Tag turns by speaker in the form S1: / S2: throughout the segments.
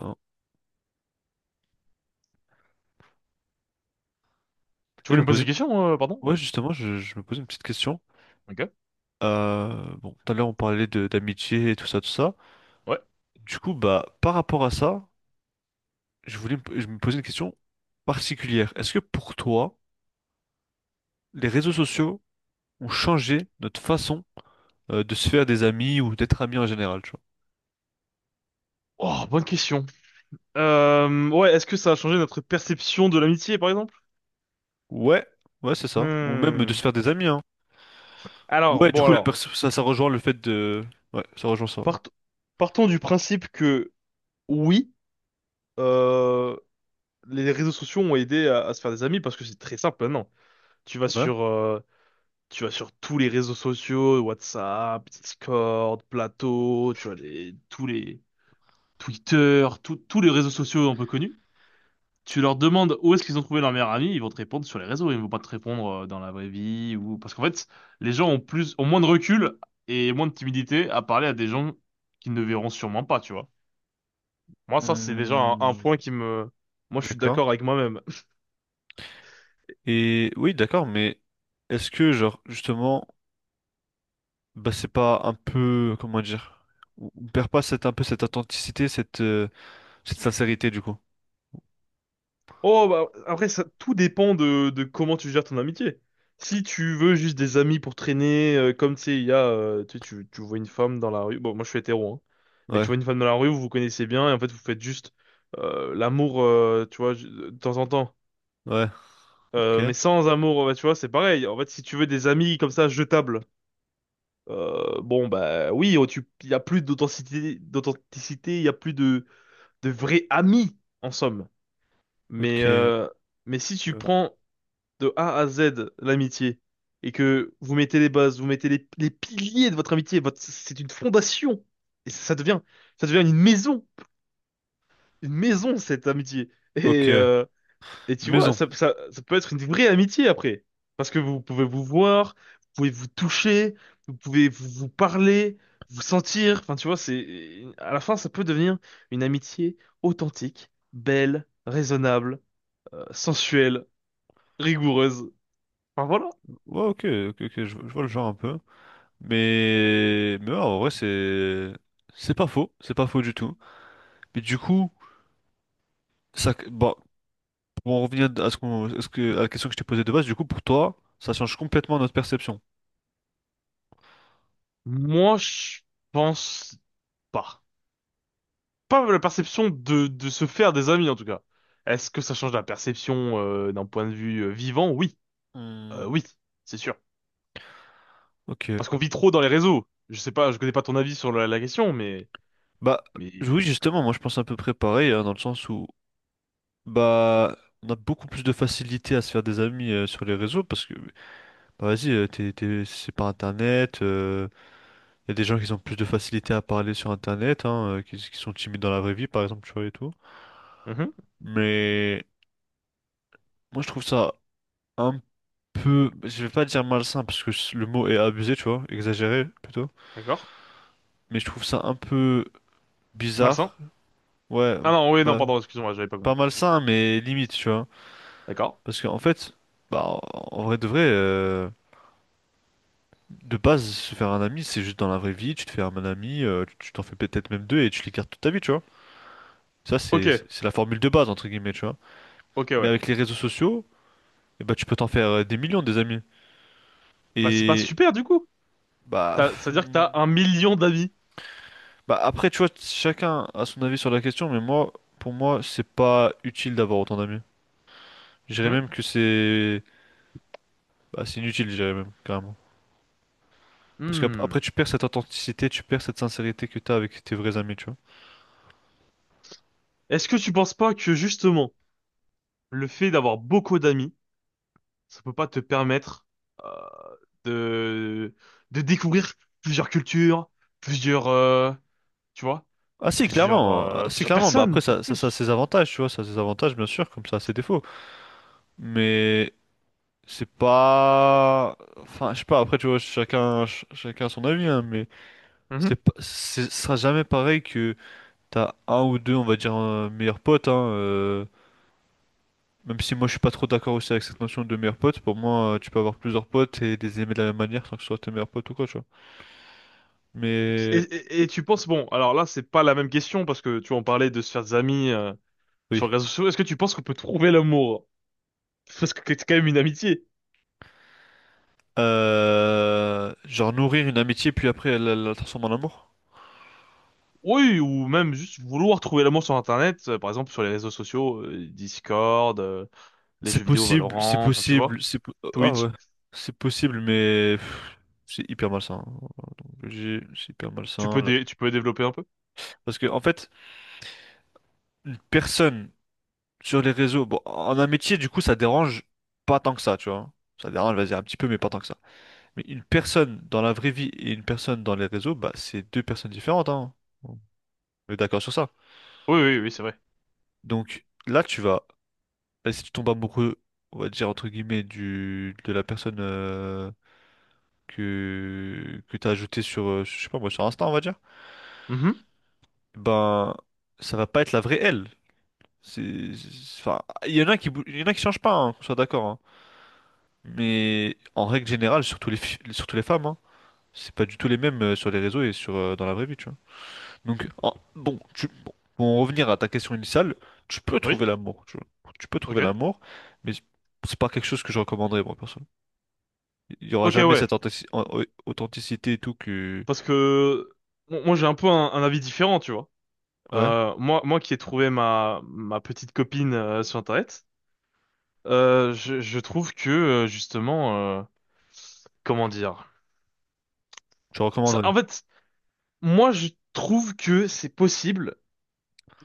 S1: Hein.
S2: Tu
S1: Et je
S2: voulais
S1: me
S2: me poser
S1: posais,
S2: une question, pardon?
S1: ouais,
S2: Oui.
S1: justement, je me posais une petite question.
S2: Ok.
S1: Bon, tout à l'heure, on parlait de d'amitié et tout ça, tout ça.
S2: Ouais.
S1: Du coup, bah, par rapport à ça, je me posais une question particulière. Est-ce que pour toi, les réseaux sociaux ont changé notre façon, de se faire des amis ou d'être amis en général, tu vois?
S2: Oh, bonne question. Ouais, est-ce que ça a changé notre perception de l'amitié, par exemple?
S1: Ouais, ouais, c'est ça. Ou même de
S2: Hmm.
S1: se faire des amis, hein.
S2: Alors,
S1: Ouais, du
S2: bon,
S1: coup, la
S2: alors,
S1: perso- ça, ça rejoint le fait de, ouais, ça rejoint ça.
S2: part- partons du principe que oui, euh, les réseaux sociaux ont aidé à se faire des amis parce que c'est très simple maintenant. Tu vas
S1: Ouais.
S2: sur, euh, Tu vas sur tous les réseaux sociaux, WhatsApp, Discord, Plateau, tu vois tous les Twitter, tous les réseaux sociaux un peu connus. Tu leur demandes où est-ce qu'ils ont trouvé leur meilleur ami, ils vont te répondre sur les réseaux, ils vont pas te répondre dans la vraie vie ou parce qu'en fait, les gens ont plus ont moins de recul et moins de timidité à parler à des gens qu'ils ne verront sûrement pas, tu vois. Moi, ça, c'est déjà un
S1: Hmm,
S2: point qui me... Moi je suis
S1: d'accord.
S2: d'accord avec moi-même.
S1: Et oui, d'accord, mais est-ce que, genre, justement, bah, c'est pas un peu, comment dire, on perd pas cette, un peu cette authenticité, cette, cette sincérité, du coup?
S2: Oh, bah, après, ça, tout dépend de comment tu gères ton amitié. Si tu veux juste des amis pour traîner, comme tu sais, il y a, tu, sais, tu tu vois une femme dans la rue. Bon, moi, je suis hétéro, hein. Mais tu
S1: Ouais,
S2: vois une femme dans la rue, vous vous connaissez bien, et en fait, vous faites juste l'amour, tu vois, de temps en temps.
S1: ouais, ok,
S2: Mais sans amour, bah, tu vois, c'est pareil. En fait, si tu veux des amis comme ça, jetables, bon, bah oui, oh, il y a plus d'authenticité, il y a plus de vrais amis, en somme. Mais,
S1: ok,
S2: euh, mais si tu prends de A à Z l'amitié et que vous mettez les bases, vous mettez les piliers de votre amitié, votre, c'est une fondation et ça devient une maison cette amitié.
S1: ok.
S2: Et,
S1: Une
S2: euh, et tu vois,
S1: maison.
S2: ça peut être une vraie amitié après parce que vous pouvez vous voir, vous pouvez vous toucher, vous parler, vous sentir. Enfin, tu vois, c'est à la fin ça peut devenir une amitié authentique, belle, raisonnable, sensuelle, rigoureuse. Enfin voilà.
S1: Ouais, ok, ok, ok, je vois le genre un peu. Mais ouais, en vrai, c'est pas faux du tout. Mais du coup, ça, bon, pour en revenir à ce qu'on, à ce que, à la question que je t'ai posée de base, du coup, pour toi, ça change complètement notre perception.
S2: Moi, je pense pas. Pas la perception de se faire des amis, en tout cas. Est-ce que ça change la perception d'un point de vue vivant? Oui.
S1: Hmm,
S2: Oui, c'est sûr.
S1: ok.
S2: Parce qu'on vit trop dans les réseaux. Je sais pas, je connais pas ton avis sur la question, mais...
S1: Bah
S2: Mais...
S1: oui, justement, moi je pense à peu près pareil, hein, dans le sens où bah on a beaucoup plus de facilité à se faire des amis sur les réseaux parce que bah vas-y, c'est par internet, il y a des gens qui ont plus de facilité à parler sur internet, hein, qui sont timides dans la vraie vie par exemple, tu vois et tout.
S2: Mhm,
S1: Mais moi je trouve ça un peu, je vais pas dire malsain parce que le mot est abusé, tu vois, exagéré plutôt.
S2: d'accord.
S1: Mais je trouve ça un peu
S2: Malsain.
S1: bizarre, ouais,
S2: Ah non, oui, non,
S1: bah
S2: pardon, excuse-moi, j'avais pas
S1: pas
S2: compris.
S1: malsain mais limite, tu vois.
S2: D'accord.
S1: Parce qu'en fait, bah, en vrai, de base, se faire un ami, c'est juste dans la vraie vie, tu te fais un ami, tu t'en fais peut-être même deux et tu les gardes toute ta vie, tu vois. Ça,
S2: Ok,
S1: c'est la formule de base, entre guillemets, tu vois.
S2: ok,
S1: Mais
S2: ouais.
S1: avec les réseaux sociaux, eh bah, tu peux t'en faire des millions, des amis.
S2: Bah, c'est pas
S1: Et
S2: super, du coup.
S1: bah,
S2: T'as-
S1: pff,
S2: c'est-à-dire que
S1: hmm,
S2: t'as un million d'amis.
S1: bah après, tu vois, chacun a son avis sur la question, mais moi, pour moi, c'est pas utile d'avoir autant d'amis. Je dirais
S2: Mhm.
S1: même que c'est bah, c'est inutile, je dirais même, carrément. Parce qu'après,
S2: Hmm.
S1: tu perds cette authenticité, tu perds cette sincérité que t'as avec tes vrais amis, tu vois.
S2: Est-ce que tu penses pas que, justement, le fait d'avoir beaucoup d'amis ça peut pas te permettre euh, de de découvrir plusieurs cultures, plusieurs tu vois,
S1: Ah si,
S2: plusieurs
S1: clairement. Ah, si,
S2: plusieurs
S1: clairement. Bah
S2: personnes
S1: après,
S2: beaucoup
S1: ça a
S2: plus.
S1: ses avantages, tu vois, ça a ses avantages, bien sûr, comme ça a ses défauts. Mais c'est pas… Enfin, je sais pas, après, tu vois, chacun a son avis, hein, mais
S2: Mhm.
S1: c'est pas… c'est- ce sera jamais pareil que t'as un ou deux, on va dire, meilleurs potes, hein, même si moi je suis pas trop d'accord aussi avec cette notion de meilleurs potes, pour moi tu peux avoir plusieurs potes et les aimer de la même manière sans que ce soit tes meilleurs potes ou quoi, tu vois. Mais
S2: Et tu penses bon, alors là c'est pas la même question parce que tu en parlais de se faire des amis sur
S1: oui.
S2: les réseaux sociaux. Est-ce que tu penses qu'on peut trouver l'amour? Parce que c'est quand même une amitié.
S1: Genre nourrir une amitié puis après elle la transformer en amour.
S2: Oui, ou même juste vouloir trouver l'amour sur Internet, par exemple sur les réseaux sociaux, Discord, les
S1: C'est
S2: jeux vidéo
S1: possible, c'est
S2: Valorant, enfin tu vois,
S1: possible, c'est po- oh, ah
S2: Twitch.
S1: ouais, c'est possible, mais pff, c'est hyper malsain. Donc, c'est hyper malsain là.
S2: Tu peux développer un peu?
S1: Parce que en fait, une personne sur les réseaux, bon, en un métier, du coup, ça dérange pas tant que ça, tu vois. Ça dérange, vas-y, un petit peu, mais pas tant que ça. Mais une personne dans la vraie vie et une personne dans les réseaux, bah, c'est deux personnes différentes, hein. On est d'accord sur ça.
S2: Oui, oui, oui, c'est vrai.
S1: Donc là, tu vas, bah, si tu tombes amoureux, on va dire entre guillemets, du de la personne. Que t'as ajouté sur, je sais pas moi, sur Insta, on va dire,
S2: Mhm.
S1: ben, ça va pas être la vraie elle. Enfin, il y en a qui changent pas, hein, qu'on soit d'accord, hein. Mais en règle générale, surtout les femmes, hein, c'est pas du tout les mêmes sur les réseaux et sur, dans la vraie vie, tu vois. Bon, pour en revenir à ta question initiale, tu peux
S2: Oui,
S1: trouver l'amour, tu vois. Tu peux trouver
S2: ok.
S1: l'amour, mais c'est pas quelque chose que je recommanderais, moi, personne. Il y aura
S2: Ok,
S1: jamais
S2: ouais.
S1: cette authentici- au- authenticité et tout que,
S2: Parce que moi, j'ai un peu un avis différent, tu vois.
S1: ouais,
S2: Moi qui ai trouvé ma petite copine sur Internet, je trouve que, justement, comment dire...
S1: je
S2: Ça-
S1: recommanderais.
S2: en fait, moi, je trouve que c'est possible.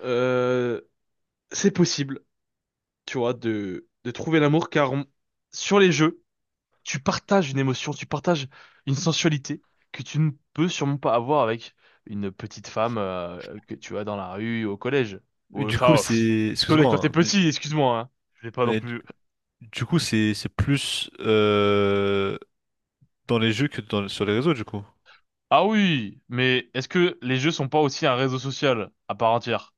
S2: euh, c'est possible, tu vois, de trouver l'amour, sur les jeux... Tu partages une émotion, tu partages une sensualité que tu ne peux sûrement pas avoir avec une petite femme que tu as dans la rue, au collège. Ou, enfin, euh, pff, Collège quand
S1: Excuse-moi,
S2: t'es
S1: hein,
S2: petit, excuse-moi, hein. Je l'ai pas non
S1: mais
S2: plus.
S1: du coup, c'est plus dans les jeux que sur les réseaux, du coup.
S2: Ah oui, mais est-ce que les jeux sont pas aussi un réseau social à part entière?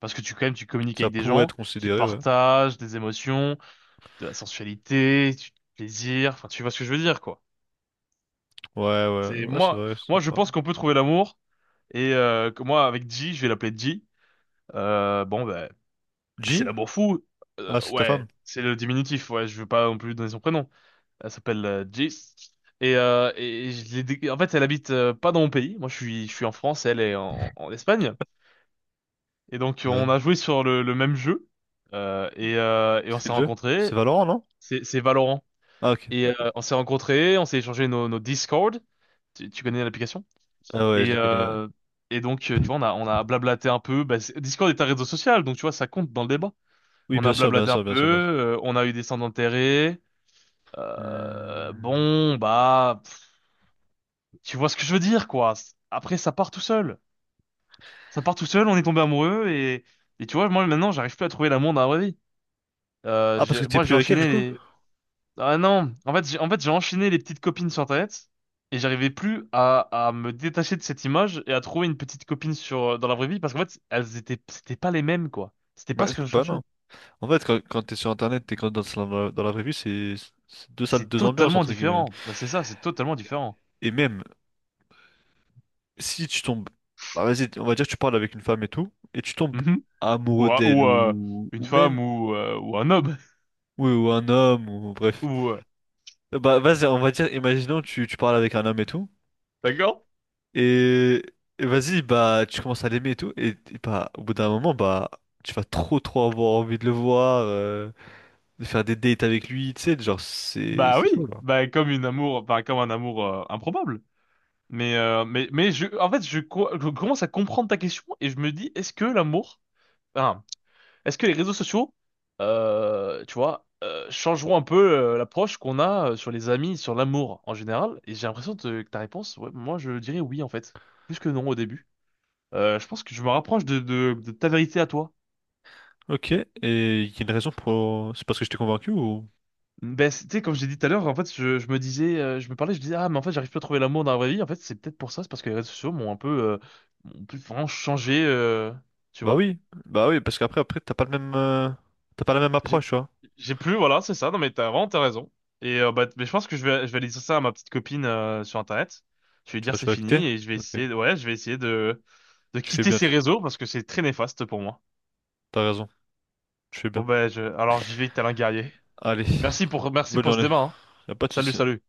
S2: Parce que tu, quand même, tu communiques
S1: Ça
S2: avec des
S1: pourrait
S2: gens,
S1: être
S2: tu
S1: considéré, ouais.
S2: partages des émotions, de la sensualité, du plaisir, enfin, tu vois ce que je veux dire, quoi.
S1: Ouais, ouais,
S2: C'est
S1: ouais, c'est
S2: moi,
S1: vrai,
S2: Moi,
S1: c'est
S2: je
S1: pas…
S2: pense qu'on peut trouver l'amour et que moi, avec G, je vais l'appeler G. Bon, ben, c'est
S1: G?
S2: l'amour fou.
S1: Ah, c'est ta
S2: Ouais,
S1: femme.
S2: c'est le diminutif. Ouais, je veux pas non plus donner son prénom. Elle s'appelle Jis. Et je l'ai en fait, elle habite pas dans mon pays. Moi, je suis en France, elle est en Espagne. Et donc, on
S1: Ouais.
S2: a joué sur le même jeu. Et on
S1: C'est
S2: s'est
S1: quel jeu? C'est
S2: rencontrés.
S1: Valorant, non?
S2: C'est Valorant.
S1: Ah, ok,
S2: Et
S1: ok.
S2: on s'est rencontrés, on s'est échangé nos Discord. Tu connais l'application?
S1: Ah ouais,
S2: Et,
S1: je le connais, ouais.
S2: euh, Tu vois, on a blablaté un peu. Bah, c'est- Discord est un réseau social, donc tu vois, ça compte dans le débat.
S1: Oui,
S2: On a
S1: bien sûr, bien
S2: blablaté un
S1: sûr, bien
S2: peu,
S1: sûr, bien sûr.
S2: on a eu des scènes d'intérêt. Euh,
S1: Hmm.
S2: bon, bah, pff, Tu vois ce que je veux dire, quoi. C- après, ça part tout seul. Ça part tout seul, on est tombé amoureux et tu vois, moi maintenant, j'arrive plus à trouver l'amour dans la vraie vie.
S1: Ah, parce que t'es
S2: Moi,
S1: plus
S2: j'ai
S1: avec elle, du
S2: enchaîné
S1: coup?
S2: les. Ah non, en fait, j'ai enchaîné les petites copines sur Internet et j'arrivais plus à me détacher de cette image et à trouver une petite copine sur dans la vraie vie parce qu'en fait, elles étaient, c'était pas les mêmes, quoi. C'était
S1: Bah,
S2: pas ce que je
S1: bah
S2: cherchais.
S1: non. En fait, quand t'es sur Internet, t'es quand dans, dans la vraie vie, c'est deux salles,
S2: C'est
S1: deux ambiances,
S2: totalement
S1: entre guillemets.
S2: différent. Ben, c'est ça, c'est totalement différent.
S1: Et même… si tu tombes, bah, vas-y, on va dire que tu parles avec une femme et tout, et tu tombes amoureux d'elle
S2: Ou une
S1: ou même,
S2: femme ou un homme
S1: oui, ou un homme, ou bref.
S2: ou
S1: Bah, vas-y, on va dire, imaginons, tu parles avec un homme et tout,
S2: d'accord?
S1: et, et vas-y, bah, tu commences à l'aimer et tout, et bah, au bout d'un moment, bah, tu vas trop, trop avoir envie de le voir, de faire des dates avec lui, tu sais, genre,
S2: Bah
S1: c'est chaud,
S2: oui,
S1: là.
S2: bah comme un amour improbable. Mais en fait, je commence à comprendre ta question et je me dis, est-ce que l'amour, enfin, est-ce que les réseaux sociaux, tu vois, changeront un peu l'approche qu'on a sur les amis, sur l'amour en général? Et j'ai l'impression que ta réponse, ouais, moi je dirais oui en fait, plus que non au début. Je pense que je me rapproche de de ta vérité à toi.
S1: Ok, et il y a une raison pour, c'est parce que je t'ai convaincu ou?
S2: Ben, c'est- tu sais, comme je l'ai dit tout à l'heure, en fait, je me disais, je me parlais, je disais, ah, mais en fait, j'arrive plus à trouver l'amour dans la vraie vie. En fait, c'est peut-être pour ça, c'est parce que les réseaux sociaux m'ont un peu, m'ont plus vraiment changé, tu
S1: Bah
S2: vois.
S1: oui, bah oui, parce qu'après, après, t'as pas le même, t'as pas la même
S2: J'ai,
S1: approche, tu vois.
S2: j'ai plus, voilà, c'est ça. Non, mais t'as vraiment, t'as raison. Mais je pense que je vais aller dire ça à ma petite copine, sur Internet. Je vais lui dire
S1: Tu
S2: c'est
S1: vas quitter?
S2: fini et je vais
S1: Ok.
S2: ouais, je vais essayer de
S1: Tu fais
S2: quitter
S1: bien,
S2: ces
S1: tu.
S2: réseaux parce que c'est très néfaste pour moi.
S1: T'as raison. Tu fais bien.
S2: Alors j'y vais, tel un guerrier.
S1: Allez,
S2: Merci
S1: bonne
S2: pour ce
S1: journée.
S2: débat, hein.
S1: Y a pas de
S2: Salut,
S1: souci.
S2: salut.